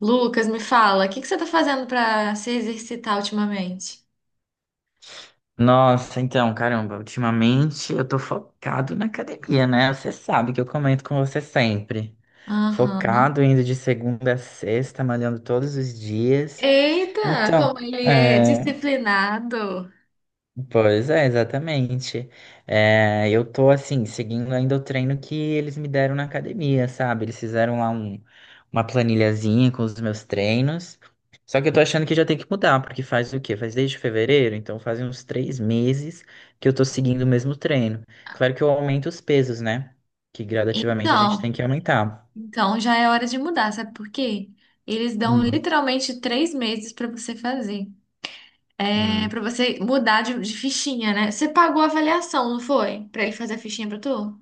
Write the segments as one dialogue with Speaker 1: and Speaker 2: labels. Speaker 1: Lucas, me fala, o que que você tá fazendo pra se exercitar ultimamente?
Speaker 2: Nossa, então, caramba, ultimamente eu tô focado na academia, né? Você sabe que eu comento com você sempre.
Speaker 1: Aham.
Speaker 2: Focado, indo de segunda a sexta, malhando todos os dias.
Speaker 1: Eita, como
Speaker 2: Então,
Speaker 1: ele é
Speaker 2: é,
Speaker 1: disciplinado.
Speaker 2: pois é, exatamente. É, eu tô assim, seguindo ainda o treino que eles me deram na academia, sabe? Eles fizeram lá uma planilhazinha com os meus treinos. Só que eu tô achando que já tem que mudar, porque faz o quê? Faz desde fevereiro, então fazem uns 3 meses que eu tô seguindo o mesmo treino. Claro que eu aumento os pesos, né? Que gradativamente a
Speaker 1: Então,
Speaker 2: gente tem que aumentar.
Speaker 1: então, já é hora de mudar, sabe por quê? Eles dão
Speaker 2: Hum,
Speaker 1: literalmente três meses pra você fazer. É,
Speaker 2: hum.
Speaker 1: para você mudar de fichinha, né? Você pagou a avaliação, não foi? Pra ele fazer a fichinha pra tu?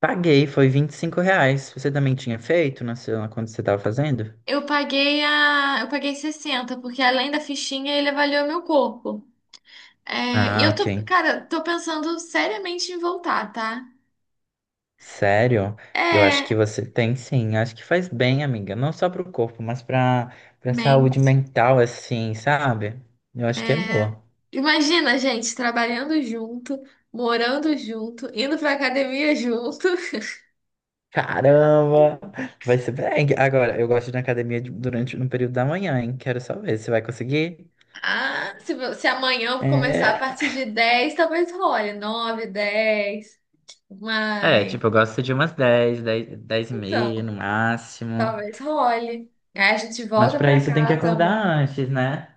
Speaker 2: Paguei, foi R$ 25. Você também tinha feito quando você tava fazendo?
Speaker 1: Eu paguei 60 porque além da fichinha ele avaliou meu corpo. É, e
Speaker 2: Ah, ok.
Speaker 1: tô pensando seriamente em voltar, tá?
Speaker 2: Sério? Eu acho que
Speaker 1: É,
Speaker 2: você tem sim. Acho que faz bem, amiga. Não só pro corpo, mas pra
Speaker 1: bem,
Speaker 2: saúde mental, assim, sabe? Eu acho que é
Speaker 1: é,
Speaker 2: boa.
Speaker 1: Imagina gente trabalhando junto, morando junto, indo pra academia junto.
Speaker 2: Caramba! Vai ser bem. Agora, eu gosto de ir na academia durante no período da manhã, hein? Quero só ver se vai conseguir.
Speaker 1: Se amanhã eu começar a
Speaker 2: É,
Speaker 1: partir de 10, talvez role. Nove, 10, mas...
Speaker 2: tipo, eu gosto de umas 10h30 no
Speaker 1: Então,
Speaker 2: máximo.
Speaker 1: Talvez role. Aí a gente
Speaker 2: Mas
Speaker 1: volta
Speaker 2: pra
Speaker 1: pra
Speaker 2: isso tem que
Speaker 1: casa.
Speaker 2: acordar antes, né?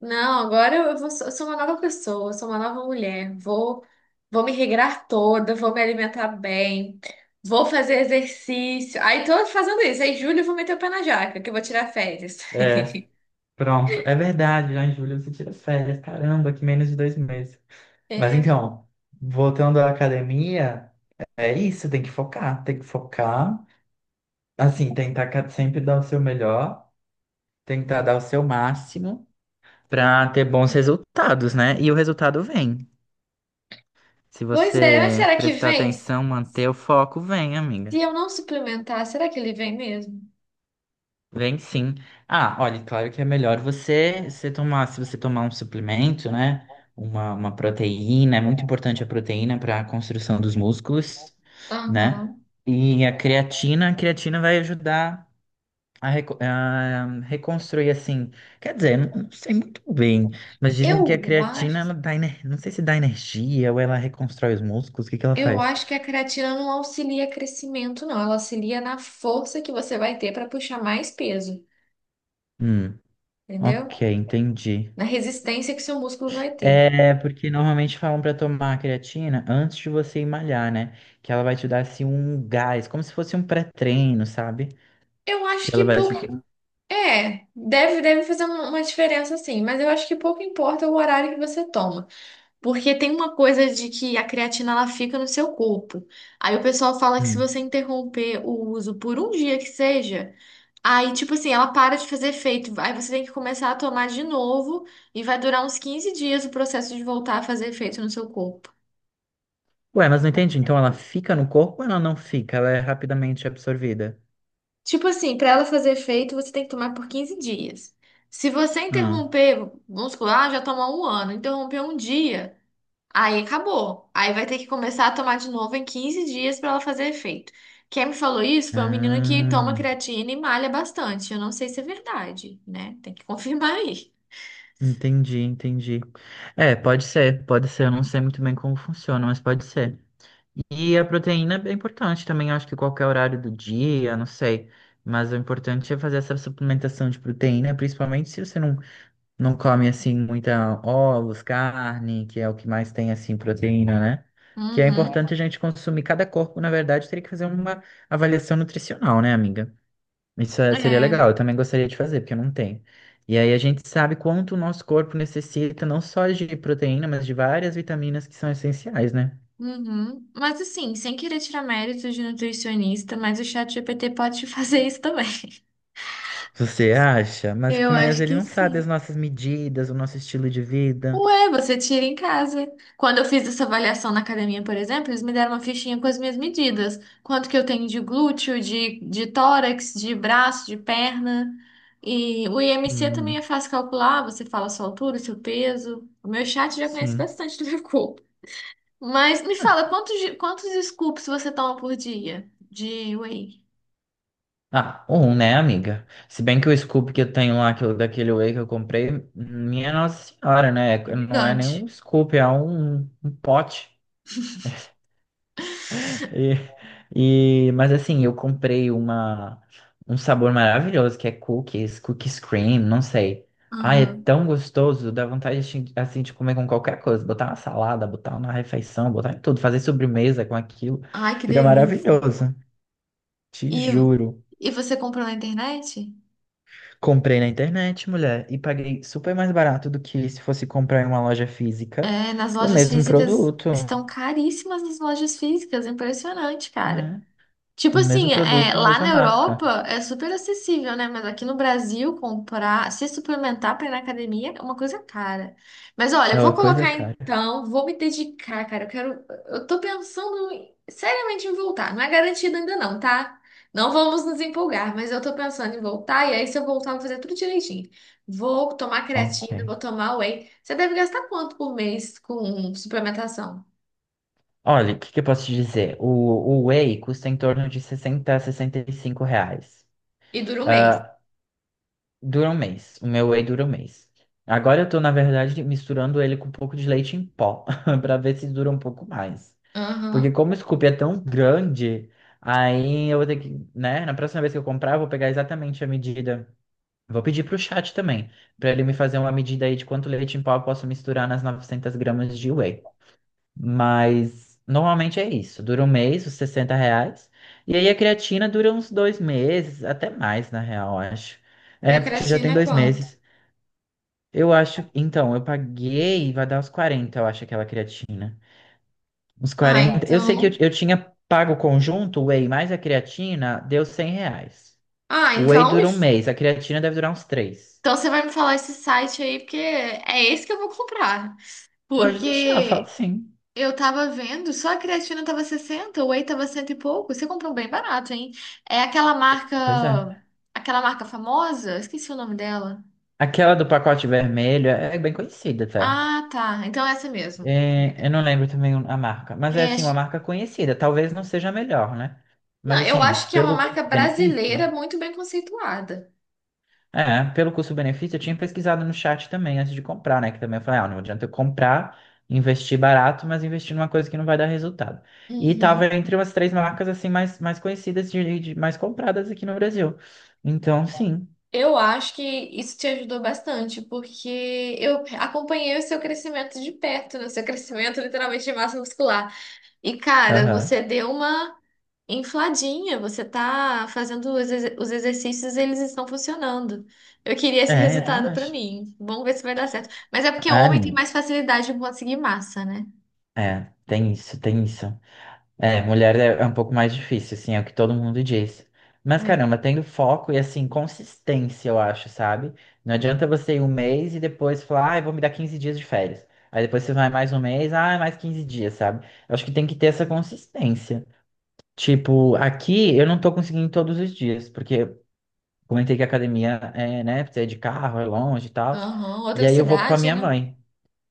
Speaker 1: Não, eu sou uma nova pessoa, eu sou uma nova mulher. Vou me regrar toda, vou me alimentar bem, vou fazer exercício. Aí tô fazendo isso. Aí, julho, eu vou meter o pé na jaca, que eu vou tirar férias.
Speaker 2: É, pronto. É verdade, já em julho você tira férias. Caramba, que menos de 2 meses. Mas
Speaker 1: É,
Speaker 2: então, voltando à academia, é isso, tem que focar, tem que focar. Assim, tentar sempre dar o seu melhor, tentar dar o seu máximo para ter bons resultados, né? E o resultado vem. Se
Speaker 1: pois é, mas
Speaker 2: você
Speaker 1: será que
Speaker 2: prestar
Speaker 1: vem? Se
Speaker 2: atenção, manter o foco, vem, amiga.
Speaker 1: eu não suplementar, será que ele vem mesmo?
Speaker 2: Vem sim. Ah, olha, claro que é melhor se você tomar um suplemento, né? Uma proteína, é muito importante a proteína para a construção dos músculos, né?
Speaker 1: Aham.
Speaker 2: E a creatina vai ajudar a reconstruir, assim. Quer dizer, não, não sei muito bem, mas dizem que a
Speaker 1: Eu
Speaker 2: creatina,
Speaker 1: acho,
Speaker 2: não sei se dá energia ou ela reconstrói os músculos, o que que ela
Speaker 1: eu
Speaker 2: faz?
Speaker 1: acho que a creatina não auxilia crescimento, não. Ela auxilia na força que você vai ter para puxar mais peso,
Speaker 2: Hum, ok,
Speaker 1: entendeu?
Speaker 2: entendi.
Speaker 1: Na resistência que seu músculo vai ter.
Speaker 2: É, porque normalmente falam pra tomar a creatina antes de você ir malhar, né? Que ela vai te dar assim um gás, como se fosse um pré-treino, sabe?
Speaker 1: Eu acho
Speaker 2: Que ela
Speaker 1: que
Speaker 2: vai
Speaker 1: pouco.
Speaker 2: te dar.
Speaker 1: É, deve fazer uma diferença sim, mas eu acho que pouco importa o horário que você toma. Porque tem uma coisa de que a creatina ela fica no seu corpo. Aí o pessoal fala que se
Speaker 2: Hum.
Speaker 1: você interromper o uso por um dia que seja, aí tipo assim, ela para de fazer efeito. Aí você tem que começar a tomar de novo e vai durar uns 15 dias o processo de voltar a fazer efeito no seu corpo.
Speaker 2: Ué, mas não entendi. Então ela fica no corpo ou ela não fica? Ela é rapidamente absorvida.
Speaker 1: Tipo assim, para ela fazer efeito, você tem que tomar por 15 dias. Se você
Speaker 2: Ah,
Speaker 1: interromper, vamos supor, ah, já tomou um ano, interrompeu um dia, aí acabou. Aí vai ter que começar a tomar de novo em 15 dias para ela fazer efeito. Quem me falou isso foi um menino que toma
Speaker 2: ah,
Speaker 1: creatina e malha bastante. Eu não sei se é verdade, né? Tem que confirmar aí.
Speaker 2: entendi, entendi. É, pode ser, pode ser. Eu não sei muito bem como funciona, mas pode ser. E a proteína é importante também, acho que qualquer horário do dia, não sei. Mas o importante é fazer essa suplementação de proteína, principalmente se você não, não come assim muita ovos, carne, que é o que mais tem assim proteína, né? Que é
Speaker 1: Uhum.
Speaker 2: importante a gente consumir. Cada corpo, na verdade, teria que fazer uma avaliação nutricional, né, amiga? Seria
Speaker 1: É.
Speaker 2: legal, eu também gostaria de fazer, porque eu não tenho. E aí a gente sabe quanto o nosso corpo necessita, não só de proteína, mas de várias vitaminas que são essenciais, né?
Speaker 1: Uhum. Mas assim, sem querer tirar méritos de nutricionista, mas o chat GPT pode te fazer isso também.
Speaker 2: Você acha? Mas
Speaker 1: Eu
Speaker 2: como é,
Speaker 1: acho
Speaker 2: ele
Speaker 1: que
Speaker 2: não sabe as
Speaker 1: sim.
Speaker 2: nossas medidas, o nosso estilo de vida.
Speaker 1: Ué, você tira em casa. Quando eu fiz essa avaliação na academia, por exemplo, eles me deram uma fichinha com as minhas medidas. Quanto que eu tenho de glúteo, de tórax, de braço, de perna. E o IMC também é
Speaker 2: Hum,
Speaker 1: fácil calcular, você fala a sua altura, o seu peso. O meu chat já conhece
Speaker 2: sim.
Speaker 1: bastante do meu corpo. Mas me fala, quantos scoops você toma por dia de whey?
Speaker 2: Ah, um, né, amiga? Se bem que o scoop que eu tenho lá, daquele whey que eu comprei, minha Nossa Senhora, né? Não é nem
Speaker 1: Gigante.
Speaker 2: um scoop, é um pote. Mas assim, eu comprei um sabor maravilhoso que é cookies cream, não sei. Ah, é
Speaker 1: Aham.
Speaker 2: tão gostoso, dá vontade assim assim, de comer com qualquer coisa, botar na salada, botar na refeição, botar em tudo, fazer sobremesa com aquilo.
Speaker 1: Ai, que
Speaker 2: Fica
Speaker 1: delícia.
Speaker 2: maravilhoso, te
Speaker 1: E,
Speaker 2: juro.
Speaker 1: e você comprou na internet?
Speaker 2: Comprei na internet, mulher, e paguei super mais barato do que se fosse comprar em uma loja física
Speaker 1: É, nas
Speaker 2: o
Speaker 1: lojas
Speaker 2: mesmo
Speaker 1: físicas
Speaker 2: produto.
Speaker 1: estão caríssimas as lojas físicas, impressionante, cara.
Speaker 2: É, o
Speaker 1: Tipo
Speaker 2: mesmo
Speaker 1: assim, é,
Speaker 2: produto, a
Speaker 1: lá
Speaker 2: mesma
Speaker 1: na
Speaker 2: marca.
Speaker 1: Europa é super acessível, né? Mas aqui no Brasil, comprar, se suplementar para ir na academia é uma coisa cara. Mas olha,
Speaker 2: É
Speaker 1: eu vou
Speaker 2: uma coisa
Speaker 1: colocar
Speaker 2: cara.
Speaker 1: então, vou me dedicar, cara. Eu quero. Eu tô pensando em- Seriamente em voltar. Não é garantido ainda, não, tá? Não vamos nos empolgar, mas eu tô pensando em voltar. E aí, se eu voltar, eu vou fazer tudo direitinho. Vou tomar
Speaker 2: Ok.
Speaker 1: creatina, vou tomar whey. Você deve gastar quanto por mês com suplementação?
Speaker 2: Olha, o que, que eu posso te dizer? O Whey custa em torno de 60 a R$ 65.
Speaker 1: E dura um mês.
Speaker 2: Ah, dura um mês. O meu Whey dura um mês. Agora eu tô, na verdade, misturando ele com um pouco de leite em pó, para ver se dura um pouco mais. Porque
Speaker 1: Aham.
Speaker 2: como o scoop é tão grande, aí eu vou ter que, né? Na próxima vez que eu comprar, eu vou pegar exatamente a medida. Vou pedir pro chat também, para ele me fazer uma medida aí de quanto leite em pó eu posso misturar nas 900 gramas de Whey. Mas normalmente é isso. Dura um mês, os R$ 60. E aí a creatina dura uns 2 meses, até mais, na real, eu acho.
Speaker 1: E a
Speaker 2: É, porque já
Speaker 1: creatina
Speaker 2: tem
Speaker 1: é
Speaker 2: dois
Speaker 1: quanto?
Speaker 2: meses. Eu acho. Então, eu paguei, vai dar uns 40, eu acho, aquela creatina. Uns
Speaker 1: Ah,
Speaker 2: 40. Eu sei que eu,
Speaker 1: então.
Speaker 2: eu tinha pago o conjunto, o whey mais a creatina, deu R$ 100.
Speaker 1: Ah,
Speaker 2: O whey
Speaker 1: então.
Speaker 2: dura um mês, a creatina deve durar uns três.
Speaker 1: Então você vai me falar esse site aí, porque é esse que eu vou comprar.
Speaker 2: Pode deixar, eu falo
Speaker 1: Porque
Speaker 2: sim.
Speaker 1: eu tava vendo, só a creatina tava 60, o whey tava cento e pouco. Você comprou bem barato, hein? É aquela
Speaker 2: Pois é.
Speaker 1: marca. Aquela marca famosa? Esqueci o nome dela.
Speaker 2: Aquela do pacote vermelho é bem conhecida até.
Speaker 1: Ah, tá. Então é essa mesmo.
Speaker 2: É, eu não lembro também a marca, mas é
Speaker 1: É,
Speaker 2: assim, uma
Speaker 1: acho-
Speaker 2: marca conhecida. Talvez não seja a melhor, né?
Speaker 1: Não,
Speaker 2: Mas
Speaker 1: eu
Speaker 2: assim,
Speaker 1: acho que é uma
Speaker 2: pelo
Speaker 1: marca brasileira
Speaker 2: benefício,
Speaker 1: muito bem conceituada.
Speaker 2: pelo custo-benefício, eu tinha pesquisado no chat também antes de comprar, né? Que também eu falei, ah, não adianta eu comprar, investir barato, mas investir numa coisa que não vai dar resultado. E tava
Speaker 1: Uhum.
Speaker 2: entre umas três marcas assim mais conhecidas mais compradas aqui no Brasil. Então, sim.
Speaker 1: Eu acho que isso te ajudou bastante, porque eu acompanhei o seu crescimento de perto, né? O seu crescimento literalmente de massa muscular. E, cara,
Speaker 2: Aham.
Speaker 1: você deu uma infladinha, você tá fazendo os exercícios, eles estão funcionando. Eu queria esse É.
Speaker 2: É, eu também
Speaker 1: resultado pra
Speaker 2: acho.
Speaker 1: mim. Vamos ver se vai dar certo. Mas é porque
Speaker 2: Ah,
Speaker 1: homem tem
Speaker 2: menino.
Speaker 1: mais facilidade em conseguir massa, né?
Speaker 2: É, tem isso, tem isso. É, mulher é um pouco mais difícil, assim, é o que todo mundo diz. Mas
Speaker 1: É.
Speaker 2: caramba, tendo foco e assim, consistência, eu acho, sabe? Não adianta você ir um mês e depois falar, ah, eu vou me dar 15 dias de férias. Aí depois você vai mais um mês, ah, mais 15 dias, sabe? Eu acho que tem que ter essa consistência. Tipo, aqui eu não tô conseguindo todos os dias, porque eu comentei que a academia é, né, precisa ir de carro, é longe e tal.
Speaker 1: Aham,
Speaker 2: E
Speaker 1: outra
Speaker 2: aí eu vou com a
Speaker 1: cidade,
Speaker 2: minha
Speaker 1: né?
Speaker 2: mãe.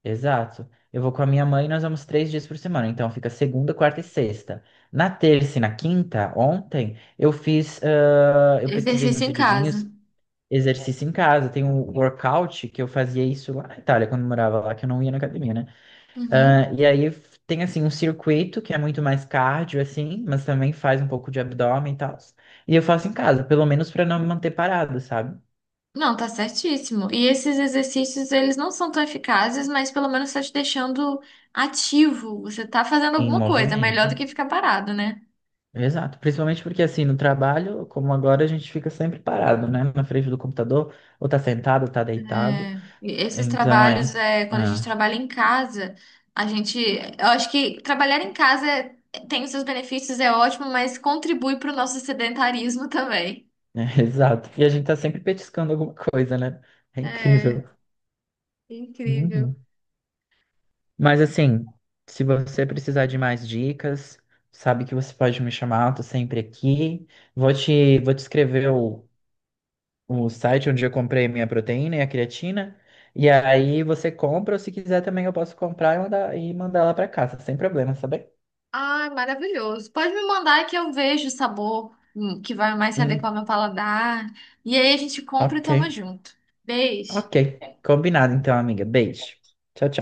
Speaker 2: Exato. Eu vou com a minha mãe e nós vamos 3 dias por semana. Então fica segunda, quarta e sexta. Na terça e na quinta, ontem, eu fiz. Ah, eu pesquisei uns
Speaker 1: Exercício em
Speaker 2: videozinhos,
Speaker 1: casa.
Speaker 2: exercício em casa. Tem um workout que eu fazia isso lá na Itália, quando eu morava lá, que eu não ia na academia, né?
Speaker 1: Uhum.
Speaker 2: Ah, e aí tem assim um circuito que é muito mais cardio, assim, mas também faz um pouco de abdômen e tal. E eu faço em casa, pelo menos para não me manter parado, sabe?
Speaker 1: Não, tá certíssimo. E esses exercícios, eles não são tão eficazes, mas pelo menos tá te deixando ativo. Você tá fazendo
Speaker 2: Em
Speaker 1: alguma coisa, melhor do
Speaker 2: movimento.
Speaker 1: que ficar parado, né?
Speaker 2: Exato, principalmente porque assim, no trabalho, como agora, a gente fica sempre parado, né? Na frente do computador, ou tá sentado, ou tá deitado.
Speaker 1: É, e esses
Speaker 2: Então
Speaker 1: trabalhos,
Speaker 2: é,
Speaker 1: é, quando a gente
Speaker 2: é,
Speaker 1: trabalha em casa, eu acho que trabalhar em casa tem os seus benefícios, é ótimo, mas contribui para o nosso sedentarismo também.
Speaker 2: exato. E a gente tá sempre petiscando alguma coisa, né? É incrível.
Speaker 1: É, incrível.
Speaker 2: Uhum. Mas assim, se você precisar de mais dicas, sabe que você pode me chamar, eu tô sempre aqui. Vou te escrever o site onde eu comprei minha proteína e a creatina. E aí você compra, ou se quiser também eu posso comprar e mandar ela pra casa, sem problema, sabe?
Speaker 1: Ai, maravilhoso. Pode me mandar que eu vejo o sabor que vai mais se adequar
Speaker 2: Hum,
Speaker 1: ao meu paladar. E aí a gente compra e
Speaker 2: ok,
Speaker 1: toma junto. Beijo.
Speaker 2: ok. Combinado então, amiga. Beijo. Tchau, tchau.